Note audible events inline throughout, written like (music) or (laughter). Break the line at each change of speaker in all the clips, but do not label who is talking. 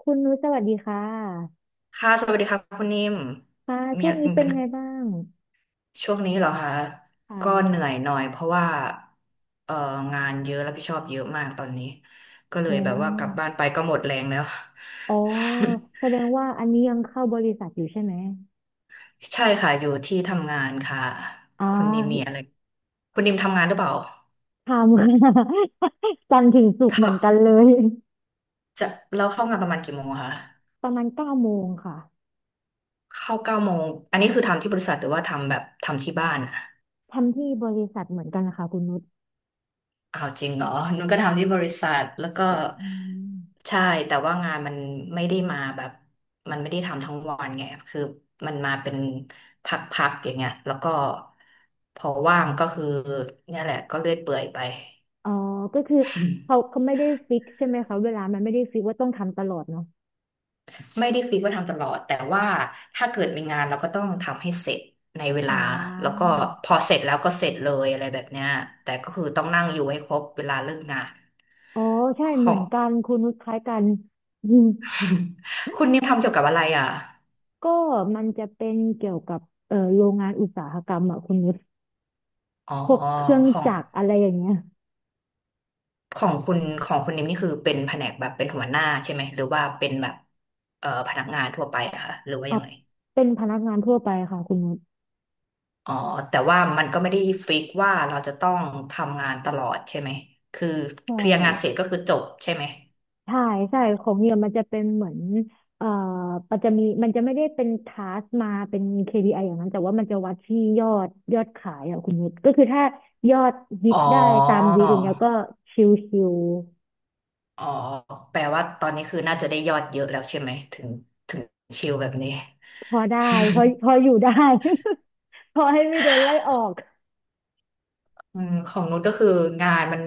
คุณนุชสวัสดีค่ะ
ค่ะสวัสดีค่ะคุณนิ่ม
ค่ะ
มี
ช่วงนี้
มี
เป็
ปั
น
ญ
ไง
หา
บ้าง
ช่วงนี้เหรอคะ
ค
ก็เหนื่
่ะ
อยหน่อยเพราะว่าเอ่องานเยอะรับผิดชอบเยอะมากตอนนี้ก็เล
อื
ยแบบว่ากลับบ้านไป
ม
ก็หมดแรงแล้ว
อ๋อแสดงว่าอันนี้ยังเข้าบริษัทอยู่ใช่ไหม
(laughs) ใช่ค่ะอยู่ที่ทำงานค่ะ
อ่
คุณนิมมีอะ
า
ไรคุณนิมทำงานหรือเปล่า
ทำ (laughs) ค่ะ (laughs) จันทร์ถึงศุกร์เห
ถ้า
มือนกันเลย
จะแล้วเข้างานประมาณกี่โมงอะคะ
ประมาณเก้าโมงค่ะ
เข้าเก้าโมงอันนี้คือทำที่บริษัทหรือว่าทำแบบทำที่บ้านอะ
ทำที่บริษัทเหมือนกันนะคะคุณนุช
อ้าวจริงเหรอนุ่นก็ทำที่บริษัทแล้วก็
อืม
ใช่แต่ว่างานมันไม่ได้มาแบบมันไม่ได้ทำทั้งวันไงคือมันมาเป็นพักๆอย่างเงี้ยแล้วก็พอว่างก็คือเนี่ยแหละก็เลื่อยเปื่อยไป
อ๋อก็คือเขาไม่ได้ฟิกใช่ไหมคะเวลามันไม่ได้ฟิกว่าต้องทำตลอดเนาะ
ไม่ได้ฟิกว่าทำตลอดแต่ว่าถ้าเกิดมีงานเราก็ต้องทำให้เสร็จในเวลา
อ่
แล้วก็
า
พอเสร็จแล้วก็เสร็จเลยอะไรแบบเนี้ยแต่ก็คือต้องนั่งอยู่ให้ครบเวลาเลิกงาน
อ๋อใช่
ข
เหมือน
อง
กันคุณนุชคล้ายกัน
(laughs) คุณนิวทำเกี่ยวกับอะไรอ่ะ
ก็มันจะเป็นเกี่ยวกับโรงงานอุตสาหกรรมอะคุณนุช
อ๋อ
พวกเครื่อง
ของ
จักรอะไรอย่างเงี้ย
ของคุณนิมนี่คือเป็นแผนกแบบเป็นหัวหน้าใช่ไหมหรือว่าเป็นแบบพนักงานทั่วไปอะคะหรือว่า
เ
ยังไง
เป็นพนักงานทั่วไปค่ะคุณนุช
อ๋อแต่ว่ามันก็ไม่ได้ฟิกว่าเราจะต้องทำงานตลอดใช่ไหมคือ
ใช
เคลียร์งาน
่
เสร็จก็คือจบใช่ไหม
ใช่ใช่ของเนี่ยมันจะเป็นเหมือนเอ่อมันจะไม่ได้เป็นทาสมาเป็น KPI ออย่างนั้นแต่ว่ามันจะวัดที่ยอดขายอะคุณนุชก็คือถ้ายอดวิก
อ๋อ
ได้ตามวิกอย่างเงี้ยก็ชิว
อ๋อแปลว่าตอนนี้คือน่าจะได้ยอดเยอะแล้วใช่ไหมถึงชิลแบบนี้
ๆพอได้พอพ
(laughs)
ออยู่ได้ (laughs) พอให้ไม่โดนไล่ออก
อืมของนุชก็คืองานมัน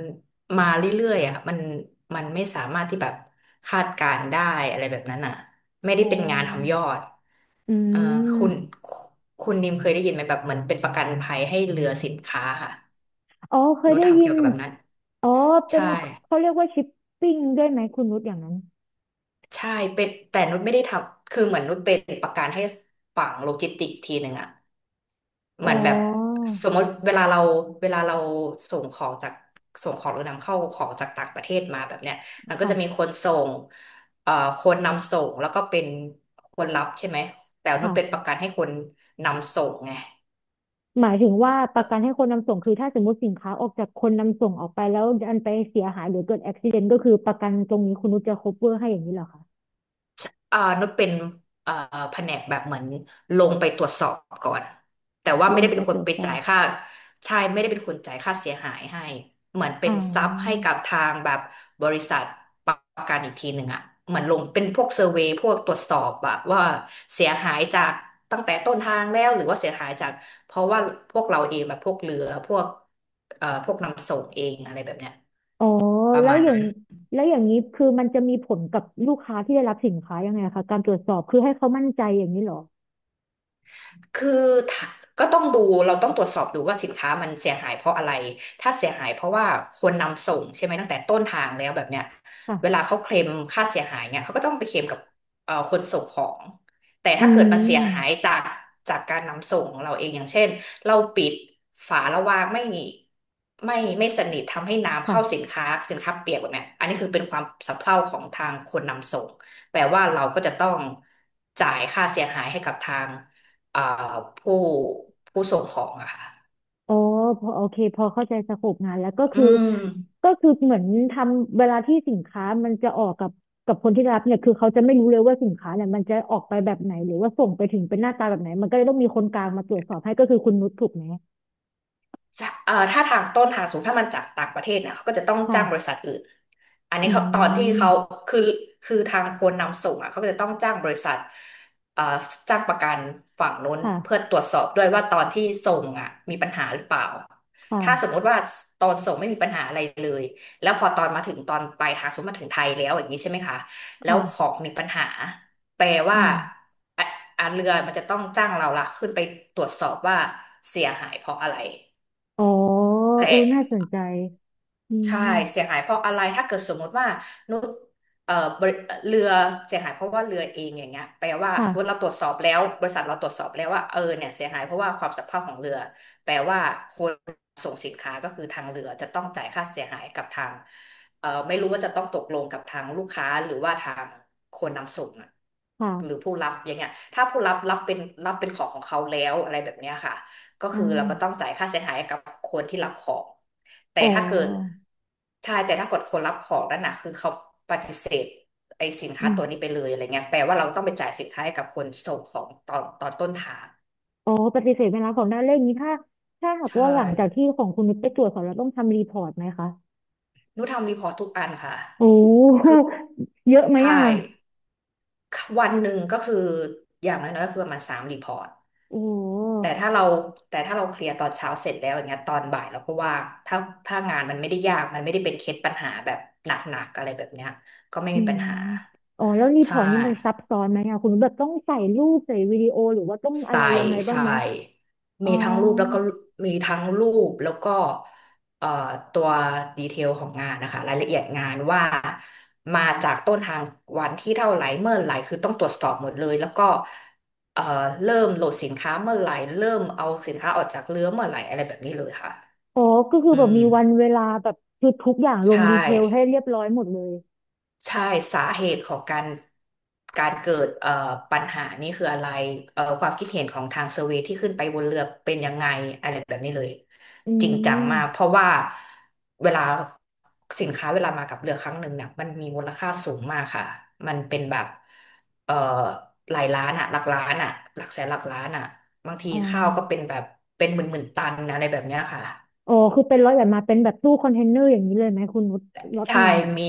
มาเรื่อยๆอ่ะมันไม่สามารถที่แบบคาดการณ์ได้อะไรแบบนั้นอ่ะไม่ได้
อ๋
เป็นงานทำย
อ
อด
อื
เอ่อคุณ
ม
คุณนิมเคยได้ยินไหมแบบเหมือนเป็นประกันภัยให้เรือสินค้าค่ะ
อ๋อเคย
นุช
ได้
ทำ
ยิ
เกี่ย
น
วกับแบบนั้น
อ๋อเป็น
ใช่
เขาเรียกว่าชิปปิ้งด้วยไหมคุณนุชอย่างนั้น
ใช่เป็นแต่นุชไม่ได้ทำคือเหมือนนุชเป็นประกันให้ฝั่งโลจิสติกส์ทีหนึ่งอ่ะ เห
อ๋อ
มือนแบบสมมติเวลาเราส่งของจากส่งของหรือนำเข้าของจากต่างประเทศมาแบบเนี้ยมันก็
ค่ะ
จะมีคนส่งเอ่อคนนำส่งแล้วก็เป็นคนรับใช่ไหมแต่มันเป็นป
ค่ะ
ระกันให้คนนำส่งไง
หมายถึงว่าประกันให้คนนำส่งคือถ้าสมมติสินค้าออกจากคนนำส่งออกไปแล้วอันไปเสียหายหรือเกิดอุบัติเหตุก็คือประกันตรงนี้คุณนุชจะ cover ให้อย่างนี้เหรอคะ
อ่านุชเป็นเอ่อแผนกแบบเหมือนลงไปตรวจสอบก่อนแต่ว่า
ล
ไม่
ง
ได้
ไป
เป็นค
ต
น
รวจ
ไป
สอ
จ่าย
บ
ค่าใช่ไม่ได้เป็นคนจ่ายค่าเสียหายให้เหมือนเป็
อ๋
นซับให้
อ
กับทางแบบบริษัทประกันอีกทีหนึ่งอะเหมือนลงเป็นพวกเซอร์เวย์พวกตรวจสอบแบบว่าเสียหายจากตั้งแต่ต้นทางแล้วหรือว่าเสียหายจากเพราะว่าพวกเราเองแบบพวกเรือพวกพวกนำส่งเองอะไรแบบเนี้ย
อ๋อ
ประ
แล้ว
มาณ
อย่า
นั้
ง
น
แล้วอย่างนี้คือมันจะมีผลกับลูกค้าที่ได้รับสินค้ายังไงคะการตรวจสอบคือให้เขามั่นใจอย่างนี้เหรอ
คือถ้าก็ต้องดูเราต้องตรวจสอบดูว่าสินค้ามันเสียหายเพราะอะไรถ้าเสียหายเพราะว่าคนนำส่งใช่ไหมตั้งแต่ต้นทางแล้วแบบเนี้ย
ค่ะ
เวลาเขาเคลมค่าเสียหายเนี่ยเขาก็ต้องไปเคลมกับคนส่งของแต่
อื
ถ้าเกิดมันเสียหาย
ม
จากจากการนำส่งของเราเองอย่างเช่นเราปิดฝาระวางไม่ไม่สนิททำให้น้ำเข้าสิน
ค่ะ
ค้าสินค้าเปียกแบบเนี้ยอันนี้คือเป็นความสะเพร่าของทางคนนำส่งแปลว่าเราก็จะต้องจ่ายค่าเสียหายให้กับทาง อ่าผู้ผู้ส่งของอะค่ะ
อ๋อพอโอเคพอเข้าใจสโคปงานแล้วก็
อื
คือ
ม
ก็คือเหมือนทำเวลาที่สินค้ามันจะออกกับคนที่รับเนี่ยคือเขาจะไม่รู้เลยว่าสินค้าเนี่ยมันจะออกไปแบบไหนหรือว่าส่งไปถึงเป็นหน้าตาแบบไหนมันก็เลยต้องมีคนกลางมาตรวจสอบให้ก็คือคุณนุชถูกไหม
ถ้าถ้าทางต้นทางสูงถ้ามันจากต่างประเทศนะเขาก็จะต้อง
ค่ะ
จ้างบริษัทอื่นอัน
อื
นี้เขาตอนที่เขา
ม
คือคือทางคนนำส่งอ่ะเขาก็จะต้องจ้างบริษัทเอ่อจ้างประกันฝั่งโน้นเพื่อ
ค่ะ
ตรวจสอบด้วยว่าตอนที่ส่งอ่ะมีปัญหาหรือเปล่า
ค
ถ้าสม
่ะ
มุติว่าตอนส่งไม่มีปัญหาอะไรเลยแล้วพอตอนมาถึงตอนปลายทางสมมติมาถึงไทยแล้วอย่างนี้ใช่ไหมคะแล้ว
ค่ะ
ของมีปัญหาแปล
อ
ว่า
่า
อ่ะอ่ะเรือมันจะต้องจ้างเราละขึ้นไปตรวจสอบว่าเสียหายเพราะอะไร
อ๋อเอ
แต่
อน่าสนใจอื
ใช่
ม
เสียหายเพราะอะไรถ้าเกิดสมมติว่านุชเอ่อบริเรือเสียหายเพราะว่าเรือเองอย่างเงี้ยแปลว่าสมมติ
ค่ะ
เราตรวจสอบแล้วบริษัทเราตรวจสอบแล้วว่าเออเนี่ยเสียหายเพราะว่าความสัมพันธ์ของเรือแปลว่าคนส่งสินค้าก็คือทางเรือจะต้องจ่ายค่าเสียหายกับทางไม่รู้ว่าจะต้องตกลงกับทางลูกค้าหรือว่าทางคนนำส่งอะหรือ
ค่ะ
ผู้รับอย่างเงี้ยถ้าผู้รับรับเป็นรับเป็นของของเขาแล้วอะไรแบบเนี้ยค่ะ ก็
อ่
คือเราก็ต้อง
า
จ่ายค่าเสียหายกับคนที่รับของ แต่
อ๋อ
ถ้าเกิดใช่แต่ถ้าเกิดคนรับของนั่นน่ะคือเขาปฏิเสธไอ้สิน
อื
ค้า
ม
ตัวนี้ไปเลยอะไรเงี้ยแปลว่าเราต้องไปจ่ายสินค้าให้กับคนส่งของตอนต้นทาง
อ๋อปฏิเสธไม่รับของหน้าเลขนี้ถ้าถ้าหาก
ใช่
ว่าหลังจากที่ของคุณนุชไปตรวจสอบแล้วต้องทำรีพอร์ตไหมคะ
หนูทำรีพอร์ตทุกอันค่ะ
โอ้โหเยอะไหม
ใช่
อ่ะ
วันหนึ่งก็คืออย่างน้อยๆก็คือประมาณสามรีพอร์ต
โอ้โ
แต่
ห
ถ้าเราแต่ถ้าเราเคลียร์ตอนเช้าเสร็จแล้วอย่างเงี้ยตอนบ่ายเราก็ว่างถ้างานมันไม่ได้ยากมันไม่ได้เป็นเคสปัญหาแบบหนักๆอะไรแบบเนี้ยก็ไม่
อื
มีปั
ม
ญหา
อ๋อแล้วรีพ
ใช่
อร์ตนี้มันซับซ้อนไหมอ่ะคุณนุชแบบต้องใส่รูปใส่วิดีโอหรือว่าต้องอะไร
ใส่
ยังไงบ้าง
ใส่
ไหมอ๋
มี
อ
ทั้งรูปแล้วก็มีทั้งรูปแล้วก็เอ่อตัวดีเทลของงานนะคะรายละเอียดงานว่ามาจากต้นทางวันที่เท่าไหร่เมื่อไหร่คือต้องตรวจสอบหมดเลยแล้วก็เอ่อเริ่มโหลดสินค้าเมื่อไหร่เริ่มเอาสินค้าออกจากเรือเมื่อไหร่อะไรแบบนี้เลยค่ะ
อ๋อก็คือ
อื
แบบมีวัน
ม
เวลาแบบคือทุกอย่างล
ใช่
งดีเทลให้เรียบร้อยหมดเลย
ใช่สาเหตุของการเกิดปัญหานี่คืออะไรความคิดเห็นของทางเซอร์เวย์ที่ขึ้นไปบนเรือเป็นยังไงอะไรแบบนี้เลย
อื
จริงจังมากเพ
ม
ราะว่าเวลาสินค้าเวลามากับเรือครั้งหนึ่งเนี่ยมันมีมูลค่าสูงมากค่ะมันเป็นแบบเอ่อหลายล้านอะหลักล้านอะหลักแสนหลักล้านอะบางที
อ๋อ
ข้าวก็เป็นแบบเป็นหมื่นหมื่นตันนะอะไรแบบเนี้ยค่ะ
อ๋อคือเป็นร้อยแบบมาเป็นแบบตู้คอนเทนเนอร์อย่างนี้เลยไหมคุณนุชล็อต
ใช่
หนึ่ง
มี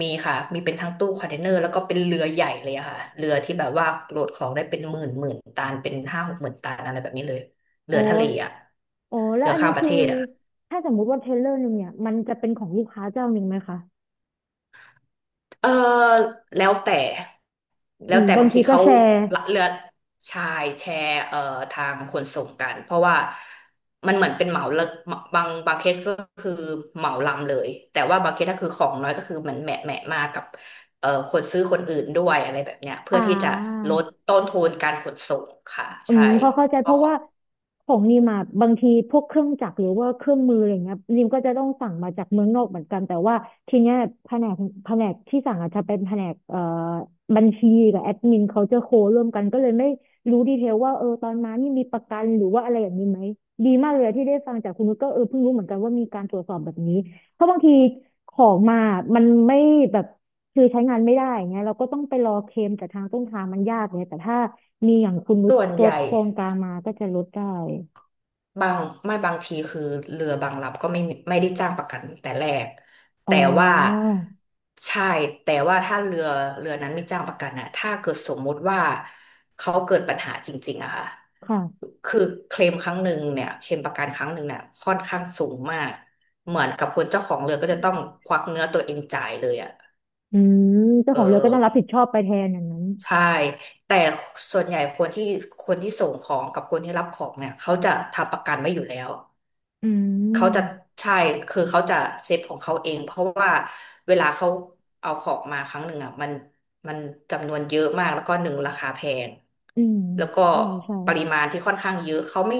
มีค่ะ มีเป็นทั้งตู้คอนเทนเนอร์แล้วก็เป็นเรือใหญ่เลยอะค่ะเรือที่แบบว่าโหลดของได้เป็นหมื่นหมื่นตันเป็นห้าหกหมื่นตันอะไรแบบนี้เลยเรือ
โอ้
ทะเลอะ
อ๋อแล้ว
เรือ
อัน
ข้า
นี้
มประ
คื
เท
อ
ศอะ
ถ้าสมมุติว่าเทเลอร์หนึ่งเนี่ยมันจะเป็นของลูกค้าเจ้าหนึ่งไหมคะ
เออแล้วแต่
อื
แล้ว
ม
แต่
บา
บา
ง
ง
ที
ที
ก็
เขา
แชร์
ละเลือดชายแชร์ทางขนส่งกันเพราะว่ามันเหมือนเป็นเหมาเลิกบางบางเคสก็คือเหมาลำเลยแต่ว่าบางเคสถ้าคือของน้อยก็คือเหมือนแหมะแหมะมากับคนซื้อคนอื่นด้วยอะไรแบบเนี้ยเพื่
อ่า
อที่จะลดต้นทุนการขนส่งค่ะ
อื
ใช่
มพอเข้าใจ
เพ
เพ
ราะ
ราะ
ของ
ว่าของนิมอะบางทีพวกเครื่องจักรหรือว่าเครื่องมืออะไรเงี้ยนิมก็จะต้องสั่งมาจากเมืองนอกเหมือนกันแต่ว่าทีเนี้ยแผนกแผนกที่สั่งอาจจะเป็นแผนกบัญชีกับแอดมินเขาจะโคร่วมกันก็เลยไม่รู้ดีเทลว่าเออตอนมานี่มีประกันหรือว่าอะไรอย่างนี้ไหมดีมากเลยที่ได้ฟังจากคุณนุชก็เออเพิ่งรู้เหมือนกันว่ามีการตรวจสอบแบบนี้เพราะบางทีของมามันไม่แบบคือใช้งานไม่ได้เงี้ยเราก็ต้องไปรอเคลมจากทางต้นทางมันยากเลยแต่ถ้า มีอย่างคุณนุช
ส่วน
ล
ใหญ่
ดโครงการมาก็จะลดได้
บางไม่บางทีคือเรือบางลำก็ไม่มีไม่ได้จ้างประกันแต่แรก
อ๋อ
แต่ว่าใช่แต่ว่าถ้าเรือเรือนั้นไม่จ้างประกันอะถ้าเกิดสมมติว่าเขาเกิดปัญหาจริงๆอะค่ะ
ค่ะ
คือเคลมครั้งหนึ่งเนี่ยเคลมประกันครั้งหนึ่งเนี่ยค่อนข้างสูงมากเหมือนกับคนเจ้าของเรือก็จะต้องควักเนื้อตัวเองจ่ายเลยอะ
อืมเจ้า
เอ
ของเรือก็ต้องรับผิ
อ
ดชอบไปแทนอย่างนั้น
ใช่แต่ส่วนใหญ่คนที่ส่งของกับคนที่รับของเนี่ยเขาจะทำประกันไว้อยู่แล้ว
อื
เขาจะ
ม
ใช่คือเขาจะเซฟของเขาเองเพราะว่าเวลาเขาเอาของมาครั้งหนึ่งอ่ะมันจำนวนเยอะมากแล้วก็หนึ่งราคาแพง
อืม
แล้วก็
ใช่ใช่
ปริมาณที่ค่อนข้างเยอะเขาไม่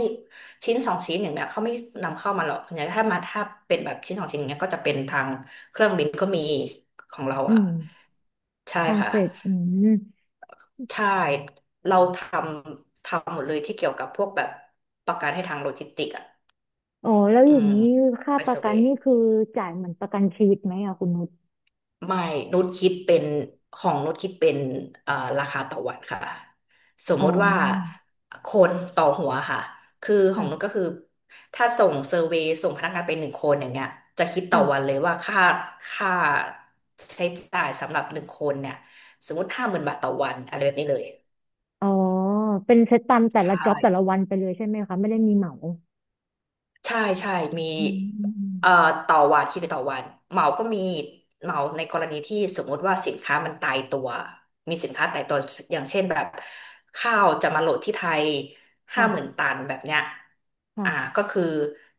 ชิ้นสองชิ้นอย่างเนี้ยเขาไม่นำเข้ามาหรอกส่วนใหญ่ถ้ามาถ้าเป็นแบบชิ้นสองชิ้นอย่างเงี้ยก็จะเป็นทางเครื่องบินก็มีของเรา
อื
อ่ะ
ม
ใช่
ทาง
ค่ะ
เฟดอืม
ใช่เราทำทำหมดเลยที่เกี่ยวกับพวกแบบประกันให้ทางโลจิสติกอ่ะ
อ๋อแล้ว
อื
อย่าง
ม
นี้ค่า
ไป
ป
เซอ
ระ
ร์
กั
เว
น
ย์
นี่คือจ่ายเหมือนประกันชีวิตไหมอะคุณนุช
ไม่นุชคิดเป็นของนุชคิดเป็นเอ่อราคาต่อวันค่ะ สม
อ๋
มติว่า
อ
คนต่อหัวค่ะ คือของนุชก็
ค่ะ
คือถ้าส่งเซอร์เวย์ส่งพนักงานไปหนึ่งคนอย่างเงี้ยจะคิดต่อ
ค่ะ
วันเลยว่าค่าใช้จ่ายสำหรับหนึ่งคนเนี่ยสมมติห้าหมื่นบาทต่อวันอะไรแบบนี้เลย
อ๋อเป็นเซตตามแต่
ใช
ละจ็อบแต่ละ
่
วันไปเลยใช่ไหมคะไม่ได้มีเหมา
ใช่ใช่มี
อืมอืมอืม
เอ่อต่อวันคิดเป็นต่อวันเหมาก็มีเหมาในกรณีที่สมมติว่าสินค้ามันตายตัวมีสินค้าตายตัวอย่างเช่นแบบข้าวจะมาโหลดที่ไทยห้าหมื่น
ค่ะ
ตันแบบเนี้ยอ่า
ค่
ก็คือ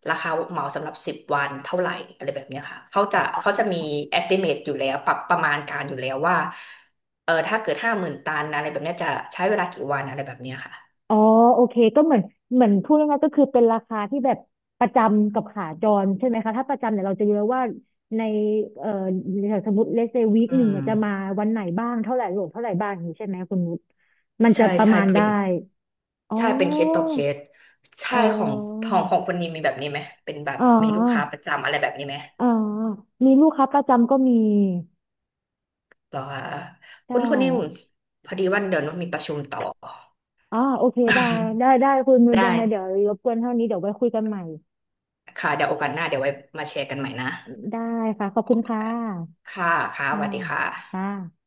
ราคาเหมาสำหรับสิบวันเท่าไหร่อะไรแบบเนี้ยค่ะเขาจะ
ะ
มี estimate อยู่แล้วปรับประมาณการอยู่แล้วว่าเออถ้าเกิดห้าหมื่นตันอะไรแบบเนี้ยจะใช้เวลากี่วันอะไรแบบเนี้ยค่ะ
อ๋อโอเคก็เหมือนเหมือนพูดง่ายๆก็คือเป็นราคาที่แบบประจำกับขาจรใช่ไหมคะถ้าประจำเนี่ยเราจะเยอะว่าในเอ่อสมมติเลเซวีค
อื
หนึ่ง
ม
เนี่ยจะมาวันไหนบ้างเท่าไหร่รวมเท่าไหร่บ้างอย่างนี้ใช่ไหมคุณนุชมันจะ
ใช่
ประ
ใช่
มาณ
เป็
ได้
น
อ๋
ใช่เป็นเคสต่อ
อ
เคสใช่
อ๋
ของ
อ
ของของคนนี้มีแบบนี้ไหมเป็นแบบ
อ๋อ
มีลูกค้าประจำอะไรแบบนี้ไหม
อ๋อมีลูกค้าประจำก็มี
บอกว่า
ใช่
คุณนิ่มพอดีวันเดี๋ยวนุชมีประชุมต่อ
อ๋อโอเคได้ได้คุณนุ
(laughs)
ช
ได้
ยังไงเดี๋ยวรบกวนเท่านี้เดี๋ยวไว้คุยกันใหม่
ค่ะเดี๋ยวโอกาสหน้าเดี๋ยวไว้มาแชร์กันใหม่นะ
ได้ค่ะขอบคุณค่ะ
ค่ะค่ะส
ค่ะ
วัสดีค่ะ
ค่ะ